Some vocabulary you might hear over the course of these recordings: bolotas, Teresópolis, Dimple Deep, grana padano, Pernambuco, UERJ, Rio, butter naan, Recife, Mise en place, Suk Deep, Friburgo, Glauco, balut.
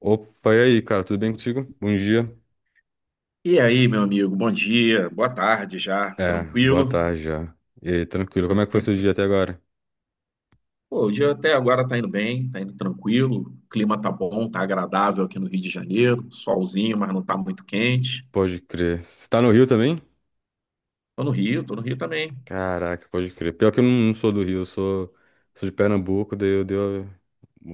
Opa, e aí, cara, tudo bem contigo? Bom dia. E aí, meu amigo, bom dia, boa tarde já, É, boa tranquilo? tarde já. E aí, tranquilo, como é que foi seu dia até agora? Pô, o dia até agora tá indo bem, tá indo tranquilo, o clima tá bom, tá agradável aqui no Rio de Janeiro, solzinho, mas não tá muito quente. Pode crer. Você tá no Rio também? Tô no Rio também. Caraca, pode crer. Pior que eu não, não sou do Rio, eu sou de Pernambuco, daí eu deu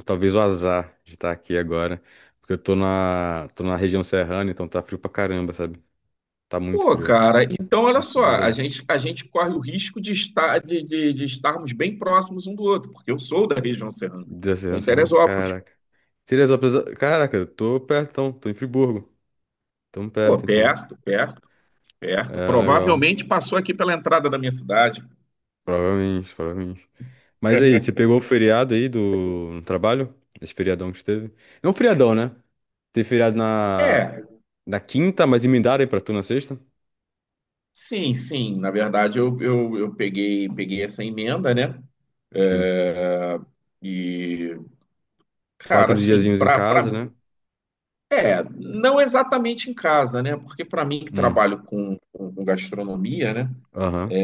talvez o azar de estar aqui agora, porque eu tô na região serrana, então tá frio pra caramba, sabe? Tá muito Pô, frio. cara, então olha Nossa, só, a bizarro. gente, a gente corre o risco de estar, de estarmos bem próximos um do outro, porque eu sou da região serrana, Da tô região em serrana, Teresópolis. caraca. Teresópolis, caraca, eu tô perto, então, tô em Friburgo. Tamo Pô, perto, então. perto, perto, perto. É, legal. Provavelmente passou aqui pela entrada da minha cidade. Provavelmente, provavelmente. Mas aí, você pegou o feriado aí do no trabalho? Esse feriadão que teve? É um feriadão, né? Teve feriado na, É, na quinta, mas emendaram aí pra tu na sexta? sim, sim. Na verdade, eu peguei essa emenda, né? Sim. Ah, E, cara, Quatro assim, diazinhos em casa, né? Não exatamente em casa, né? Porque para mim que Hum, trabalho com gastronomia, né? aham.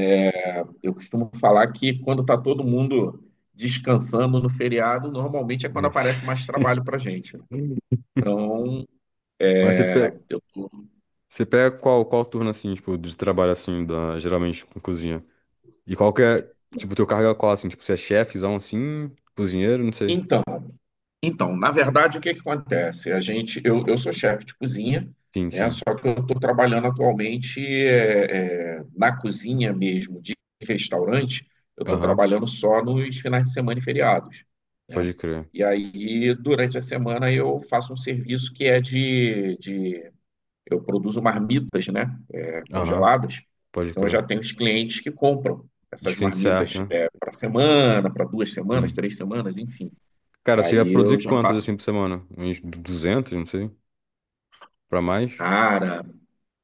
Eu costumo falar que quando tá todo mundo descansando no feriado, normalmente é quando aparece mais trabalho pra gente, né? Hum. Então, Mas você pega, eu tô. você pega qual turno, assim, tipo, de trabalho, assim, da, geralmente com cozinha? E qual que é, tipo, teu cargo é qual, assim? Tipo, você é chefezão, assim, cozinheiro, não sei. Então, Então, na verdade, o que que acontece? Eu sou chefe de cozinha, Sim, né? sim. Só que eu estou trabalhando atualmente na cozinha mesmo de restaurante. Eu estou Aham, trabalhando só nos finais de semana e feriados, né? pode crer. E aí, durante a semana, eu faço um serviço que é de eu produzo marmitas, né? Aham, Congeladas. pode Então, eu crer. já tenho os clientes que compram essas Descrente certo, marmitas né? Para semana, para 2 semanas, Sim. 3 semanas, enfim. Cara, você ia Aí eu produzir já quantas faço. assim por semana? Uns 200, não sei. Pra mais? Cara,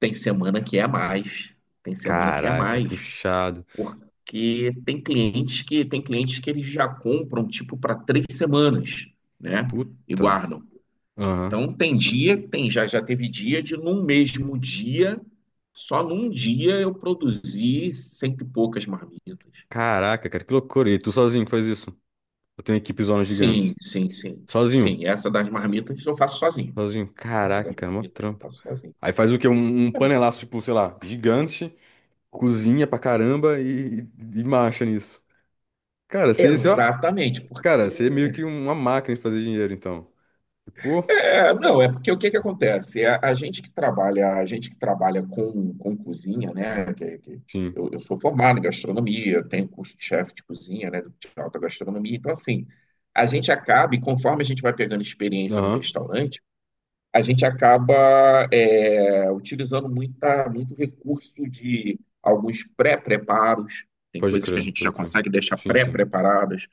tem semana que é mais, tem semana que é Caraca, mais, puxado. porque tem clientes que eles já compram tipo para 3 semanas, né? E Puta. guardam. Aham. Então tem dia, tem já teve dia de num mesmo dia, só num dia eu produzi cento e poucas marmitas. Caraca, cara, que loucura. E tu sozinho que faz isso? Eu tenho equipe zonas Sim, gigantes. sim, sim, Sozinho? sim. Essa das marmitas eu faço sozinho. Sozinho. Essa Caraca, das cara, mó marmitas eu trampo. faço sozinho. Aí faz o quê? Um panelaço, tipo, sei lá, gigante, cozinha pra caramba e marcha nisso. Cara, ó, Exatamente, porque cara, você é meio que uma máquina de fazer dinheiro, então. Pô, É, não, é porque o que que acontece? A gente que trabalha com cozinha, né? Sim. Eu sou formado em gastronomia, tenho curso de chefe de cozinha, né? De alta gastronomia. Então, assim, a gente acaba, e conforme a gente vai pegando experiência no Aham. restaurante, a gente acaba utilizando muita, muito recurso de alguns pré-preparos. Tem Pode coisas que a crer, gente pode já crer. consegue deixar Sim, sim. pré-preparadas.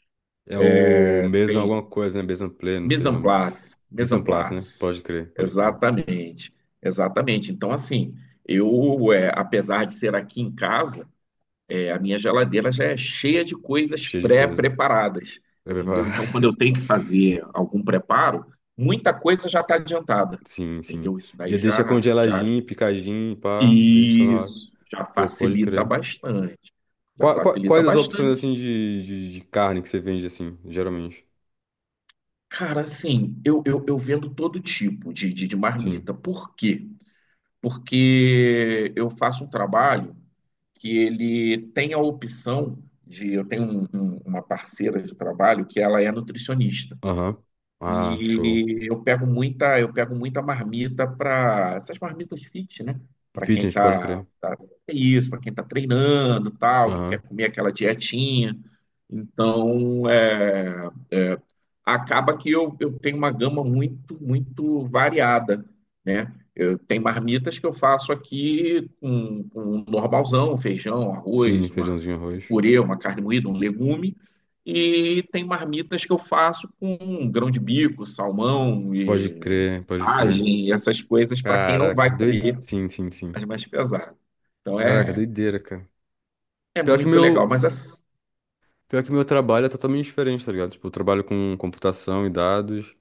É o mesmo alguma Tem. coisa, né? mesmo Play, não sei Mise o en nome disso. place, mise Mise en en place, né? place. Pode crer, pode crer. Exatamente, exatamente. Então, assim, apesar de ser aqui em casa, a minha geladeira já é cheia de coisas Cheio de coisa. pré-preparadas, Pra entendeu? preparar. Então, quando eu tenho que fazer algum preparo, muita coisa já está adiantada, Sim, sim. entendeu? Isso Já daí deixa congeladinho, picadinho, pá. Deixa só na hora. Já Pô, pode facilita crer. bastante, já Qua- qua- facilita quais as opções, bastante. assim, de carne que você vende, assim, geralmente? Cara, assim, eu vendo todo tipo de Sim. marmita. Por quê? Porque eu faço um trabalho que ele tem a opção de. Eu tenho uma parceira de trabalho que ela é nutricionista. Aham. Ah, show. E eu pego muita marmita para essas marmitas fit, né? Para quem Fitness, pode crer. tá é isso, para quem tá treinando, tal, que quer Aham. comer aquela dietinha. Então, acaba que eu tenho uma gama muito, muito variada, né? Tem marmitas que eu faço aqui com um normalzão, um feijão, um Sim, arroz, uma, feijãozinho, um arroz. purê, uma carne moída, um legume. E tem marmitas que eu faço com grão de bico, salmão Pode e crer, pode crer. vagem, essas coisas para quem não Caraca, vai doido. comer Sim, sim, sim. as mais pesadas. Então Caraca, é, doideira, cara. é Pior que muito legal. Mas meu. assim, Pior que meu trabalho é totalmente diferente, tá ligado? Tipo, eu trabalho com computação e dados,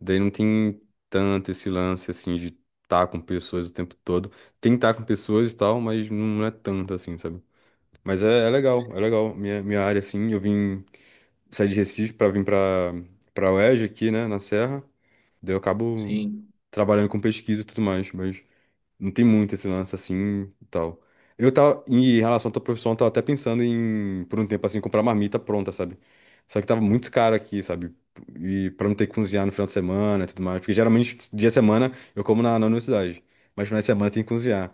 daí não tem tanto esse lance, assim, de estar com pessoas o tempo todo. Tem estar com pessoas e tal, mas não é tanto, assim, sabe? Mas é, é legal, é legal. Minha área, assim, eu vim sair de Recife pra vir pra, pra UERJ aqui, né, na Serra. Daí eu acabo sim, trabalhando com pesquisa e tudo mais, mas não tem muito esse lance assim e tal. Eu tava, em relação à tua profissão, eu tava até pensando em, por um tempo assim, comprar marmita pronta, sabe? Só que tava muito caro aqui, sabe? E pra não ter que cozinhar no final de semana e tudo mais. Porque geralmente, dia de semana, eu como na, na universidade. Mas final de semana tem que cozinhar.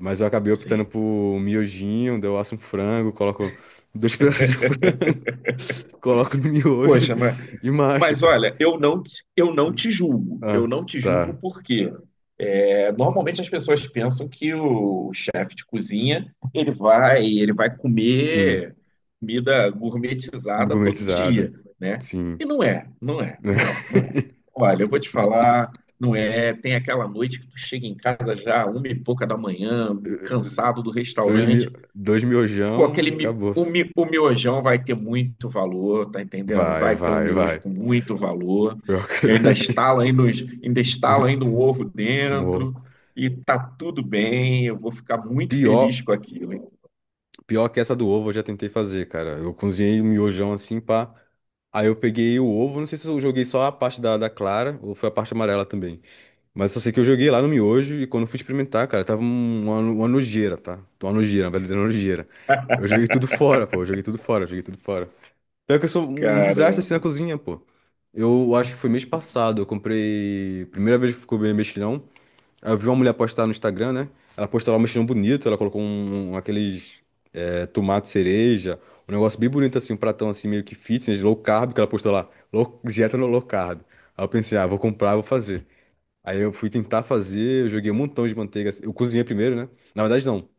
Mas eu acabei optando sim. por um miojinho, daí eu asso um frango, coloco dois pedaços de frango, coloco no miojo Poxa, mas, e marcha, mas cara. olha, eu não te julgo. Eu Ah, não te julgo tá. porque normalmente as pessoas pensam que o chefe de cozinha ele vai Sim. comer comida gourmetizada todo Gourmetizada. dia, né? E Sim. não é, não é, não é, não é. Olha, eu vou te falar, não é. Tem aquela noite que tu chega em casa já uma e pouca da manhã, cansado do Dois, mi... restaurante. Dois Pô, miojão, aquele mi- acabou. o, mi- o miojão vai ter muito valor, tá entendendo? Vai, Vai ter um vai, miojo vai. com muito valor. Pior que... Eu ainda verdade. estalo ainda, os- ainda estalo Muito ainda um ovo bom. dentro e tá tudo bem. Eu vou ficar muito feliz Pior, com aquilo, hein? pior que essa do ovo eu já tentei fazer, cara. Eu cozinhei o miojão assim, pá. Aí eu peguei o ovo, não sei se eu joguei só a parte da, da clara ou foi a parte amarela também. Mas só sei que eu joguei lá no miojo e quando eu fui experimentar, cara, tava uma nojeira, tá? Uma nojeira, uma verdadeira nojeira. Eu joguei tudo fora, pô. Eu joguei tudo fora, eu joguei tudo fora. Pior que eu sou um desastre Caramba. assim na cozinha, pô. Eu acho que foi mês passado, eu comprei. Primeira vez que eu comi mexilhão. Aí eu vi uma mulher postar no Instagram, né? Ela postou lá um mexilhão bonito, ela colocou aqueles tomate cereja, um negócio bem bonito assim, um pratão assim meio que fitness, low carb, que ela postou lá, low, dieta no low carb. Aí eu pensei, ah, vou comprar, vou fazer. Aí eu fui tentar fazer, eu joguei um montão de manteiga. Eu cozinhei primeiro, né? Na verdade, não.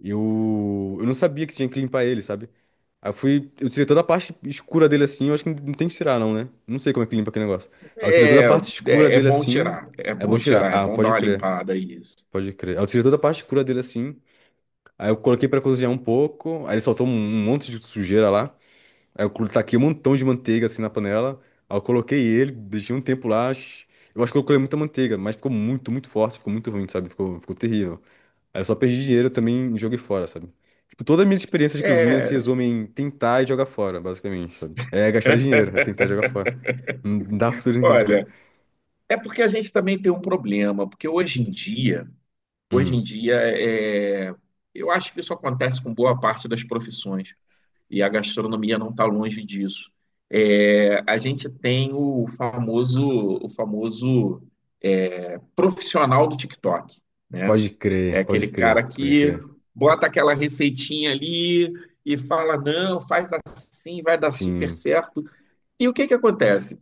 Eu não sabia que tinha que limpar ele, sabe? Aí eu fui, eu tirei toda a parte escura dele assim, eu acho que não tem que tirar não, né? Não sei como é que limpa aquele negócio. Aí eu tirei toda a É, parte escura é, é dele bom assim, tirar, é é bom bom tirar. tirar, é Ah, bom dar pode uma crer, limpada aí, isso. pode crer. Aí eu tirei toda a parte escura dele assim, aí eu coloquei pra cozinhar um pouco, aí ele soltou um monte de sujeira lá. Aí eu colo- taquei um montão de manteiga assim na panela, aí eu coloquei ele, deixei um tempo lá. Sh- Eu acho que eu coloquei muita manteiga, mas ficou muito, muito forte, ficou muito ruim, sabe? Ficou, ficou terrível. Aí eu só perdi dinheiro também e joguei fora, sabe? Tipo, todas as minhas experiências de cozinha se É, resumem em tentar e jogar fora, basicamente, sabe? É gastar dinheiro, é tentar e jogar fora. Não dá futuro nenhum, cara. olha, é porque a gente também tem um problema, porque hoje em dia, hoje Hum. em dia, eu acho que isso acontece com boa parte das profissões. E a gastronomia não está longe disso. É, a gente tem o famoso, o famoso eh, profissional do TikTok, né? Pode É crer, pode aquele crer, cara pode que crer. bota aquela receitinha ali e fala, não, faz assim, vai dar super Sim. certo. E o que que acontece?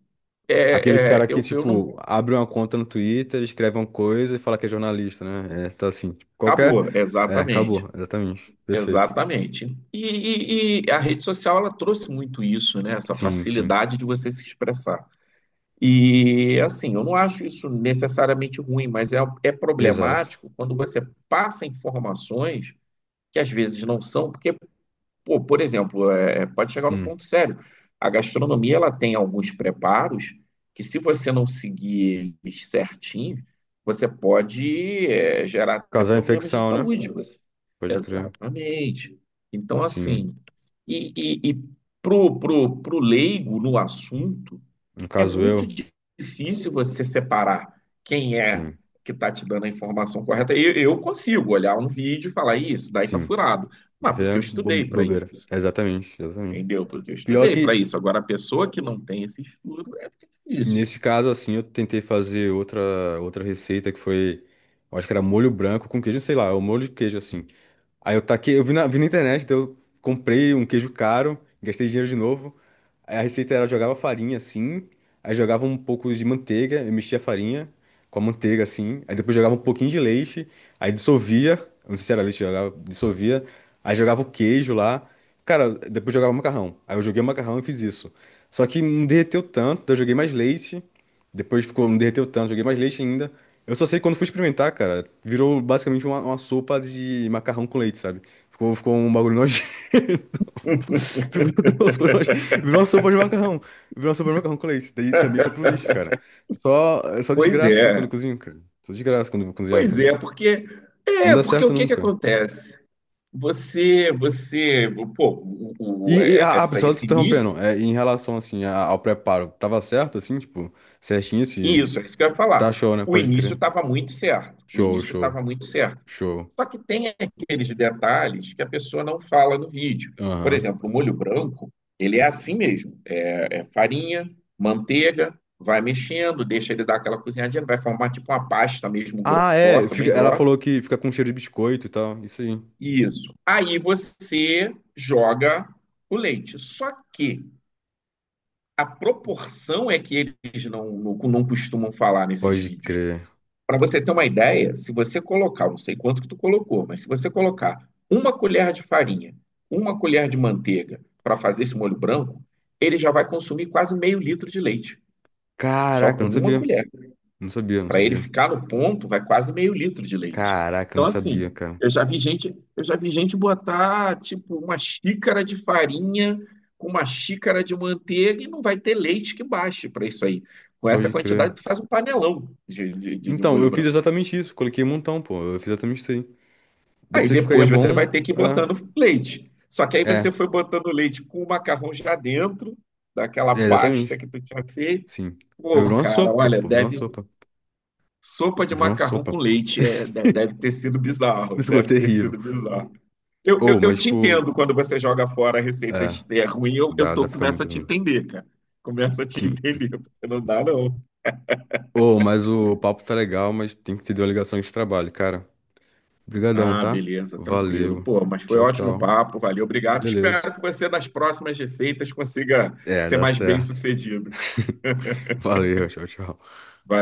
Aquele É, cara é, que, eu não. tipo, abre uma conta no Twitter, escreve uma coisa e fala que é jornalista, né? É, tá assim. Tipo, qualquer. Acabou, É, exatamente. acabou, exatamente. Perfeito. Exatamente. E a rede social ela trouxe muito isso, né? Essa Sim, sim. facilidade de você se expressar. E assim, eu não acho isso necessariamente ruim, mas é Exato. problemático quando você passa informações que às vezes não são, porque, pô, por exemplo, pode chegar num Hum. ponto sério. A gastronomia ela tem alguns preparos que, se você não seguir eles certinho, você pode gerar até Causar problemas de infecção, né? saúde. Você. Pode crer. Exatamente. Então, Sim. assim, e, e pro leigo no assunto No é caso muito eu, difícil você separar quem é sim. que está te dando a informação correta. Eu consigo olhar um vídeo e falar, "Ih, isso daí tá Sim. furado. Mas Isso é porque eu bo- estudei para bobeira. isso, Exatamente, exatamente. entendeu? Porque eu Pior estudei para que, isso. Agora, a pessoa que não tem esse estudo é difícil. nesse caso, assim, eu tentei fazer outra receita que foi. Eu Acho que era molho branco com queijo, sei lá, o molho de queijo, assim. Aí eu taquei, eu vi na internet, então eu comprei um queijo caro, gastei dinheiro de novo. Aí a receita era, eu jogava farinha assim, aí jogava um pouco de manteiga, eu mexia a farinha com a manteiga assim, aí depois jogava um pouquinho de leite, aí dissolvia, eu não sei se era leite, jogava, dissolvia, aí jogava o queijo lá. Cara, depois jogava macarrão. Aí eu joguei o macarrão e fiz isso. Só que não derreteu tanto, daí eu joguei mais leite, depois ficou, não derreteu tanto, joguei mais leite ainda. Eu só sei que quando fui experimentar, cara, virou basicamente uma sopa de macarrão com leite, sabe? Ficou, ficou um bagulho nojento. Ficou tudo, ficou nojento. Virou uma sopa de macarrão. Virou uma sopa de macarrão com leite. Daí também foi pro lixo, cara. Só, é só Pois desgraça, assim, quando é, eu cozinho, cara. Só desgraça quando eu vou cozinhar, pois cara. é, porque Não é dá porque certo o que que nunca. acontece? Você, pô, o, o- é- essa, Só te esse início. interrompendo, em relação, assim, ao preparo, tava certo, assim, tipo, certinho se Isso, é isso que eu ia Tá falar. show, né? O Pode início crer. estava muito certo. O Show, início show, estava muito certo. show. Só que tem aqueles detalhes que a pessoa não fala no vídeo. Por Aham. exemplo, o molho branco, ele é assim mesmo. É, é farinha, manteiga, vai mexendo, deixa ele dar aquela cozinhadinha, vai formar tipo uma pasta mesmo Ah, é. grossa, bem Ela grossa. falou que fica com cheiro de biscoito e tal. Isso aí. Isso. Aí você joga o leite. Só que a proporção é que eles não, não, não costumam falar nesses Pode vídeos. crer. Para você ter uma ideia, se você colocar, eu não sei quanto que tu colocou, mas se você colocar uma colher de farinha, uma colher de manteiga para fazer esse molho branco, ele já vai consumir quase meio litro de leite, só Caraca, eu com não uma sabia. colher. Não sabia, não Para ele sabia. ficar no ponto, vai quase meio litro de leite. Caraca, eu Então, não assim, sabia, cara. eu já vi gente botar tipo uma xícara de farinha com uma xícara de manteiga e não vai ter leite que baixe para isso aí. Com essa Pode crer. quantidade, tu faz um panelão de Então, molho eu fiz branco. exatamente isso. Coloquei um montão, pô. Eu fiz exatamente isso aí. Deve Aí ser que ficaria depois você bom. vai ter que ir botando leite. Só que aí É. você É. foi botando leite com o macarrão já dentro daquela É, pasta exatamente. que tu tinha feito. Sim. Aí Pô, virou uma cara, sopa, olha, pô. Virou uma deve sopa. sopa de Virou uma macarrão sopa. com Pô. leite deve ter sido bizarro, Ficou deve ter terrível. sido bizarro. Eu, eu, Ou, eu mas, te tipo. entendo quando você joga fora a receita É. é ruim, Dá, dá pra ficar começo muito a te ruim. entender, cara. Começo a te Sim. entender, porque não dá não. Ô, mas o papo tá legal, mas tem que ter uma ligação de trabalho, cara. Obrigadão, Ah, tá? beleza, tranquilo. Valeu. Pô, mas foi Tchau, ótimo o tchau. papo, valeu, obrigado. Beleza. Espero que você, nas próximas receitas, consiga É, ser dá mais certo. bem-sucedido. Valeu, tchau, tchau. Valeu.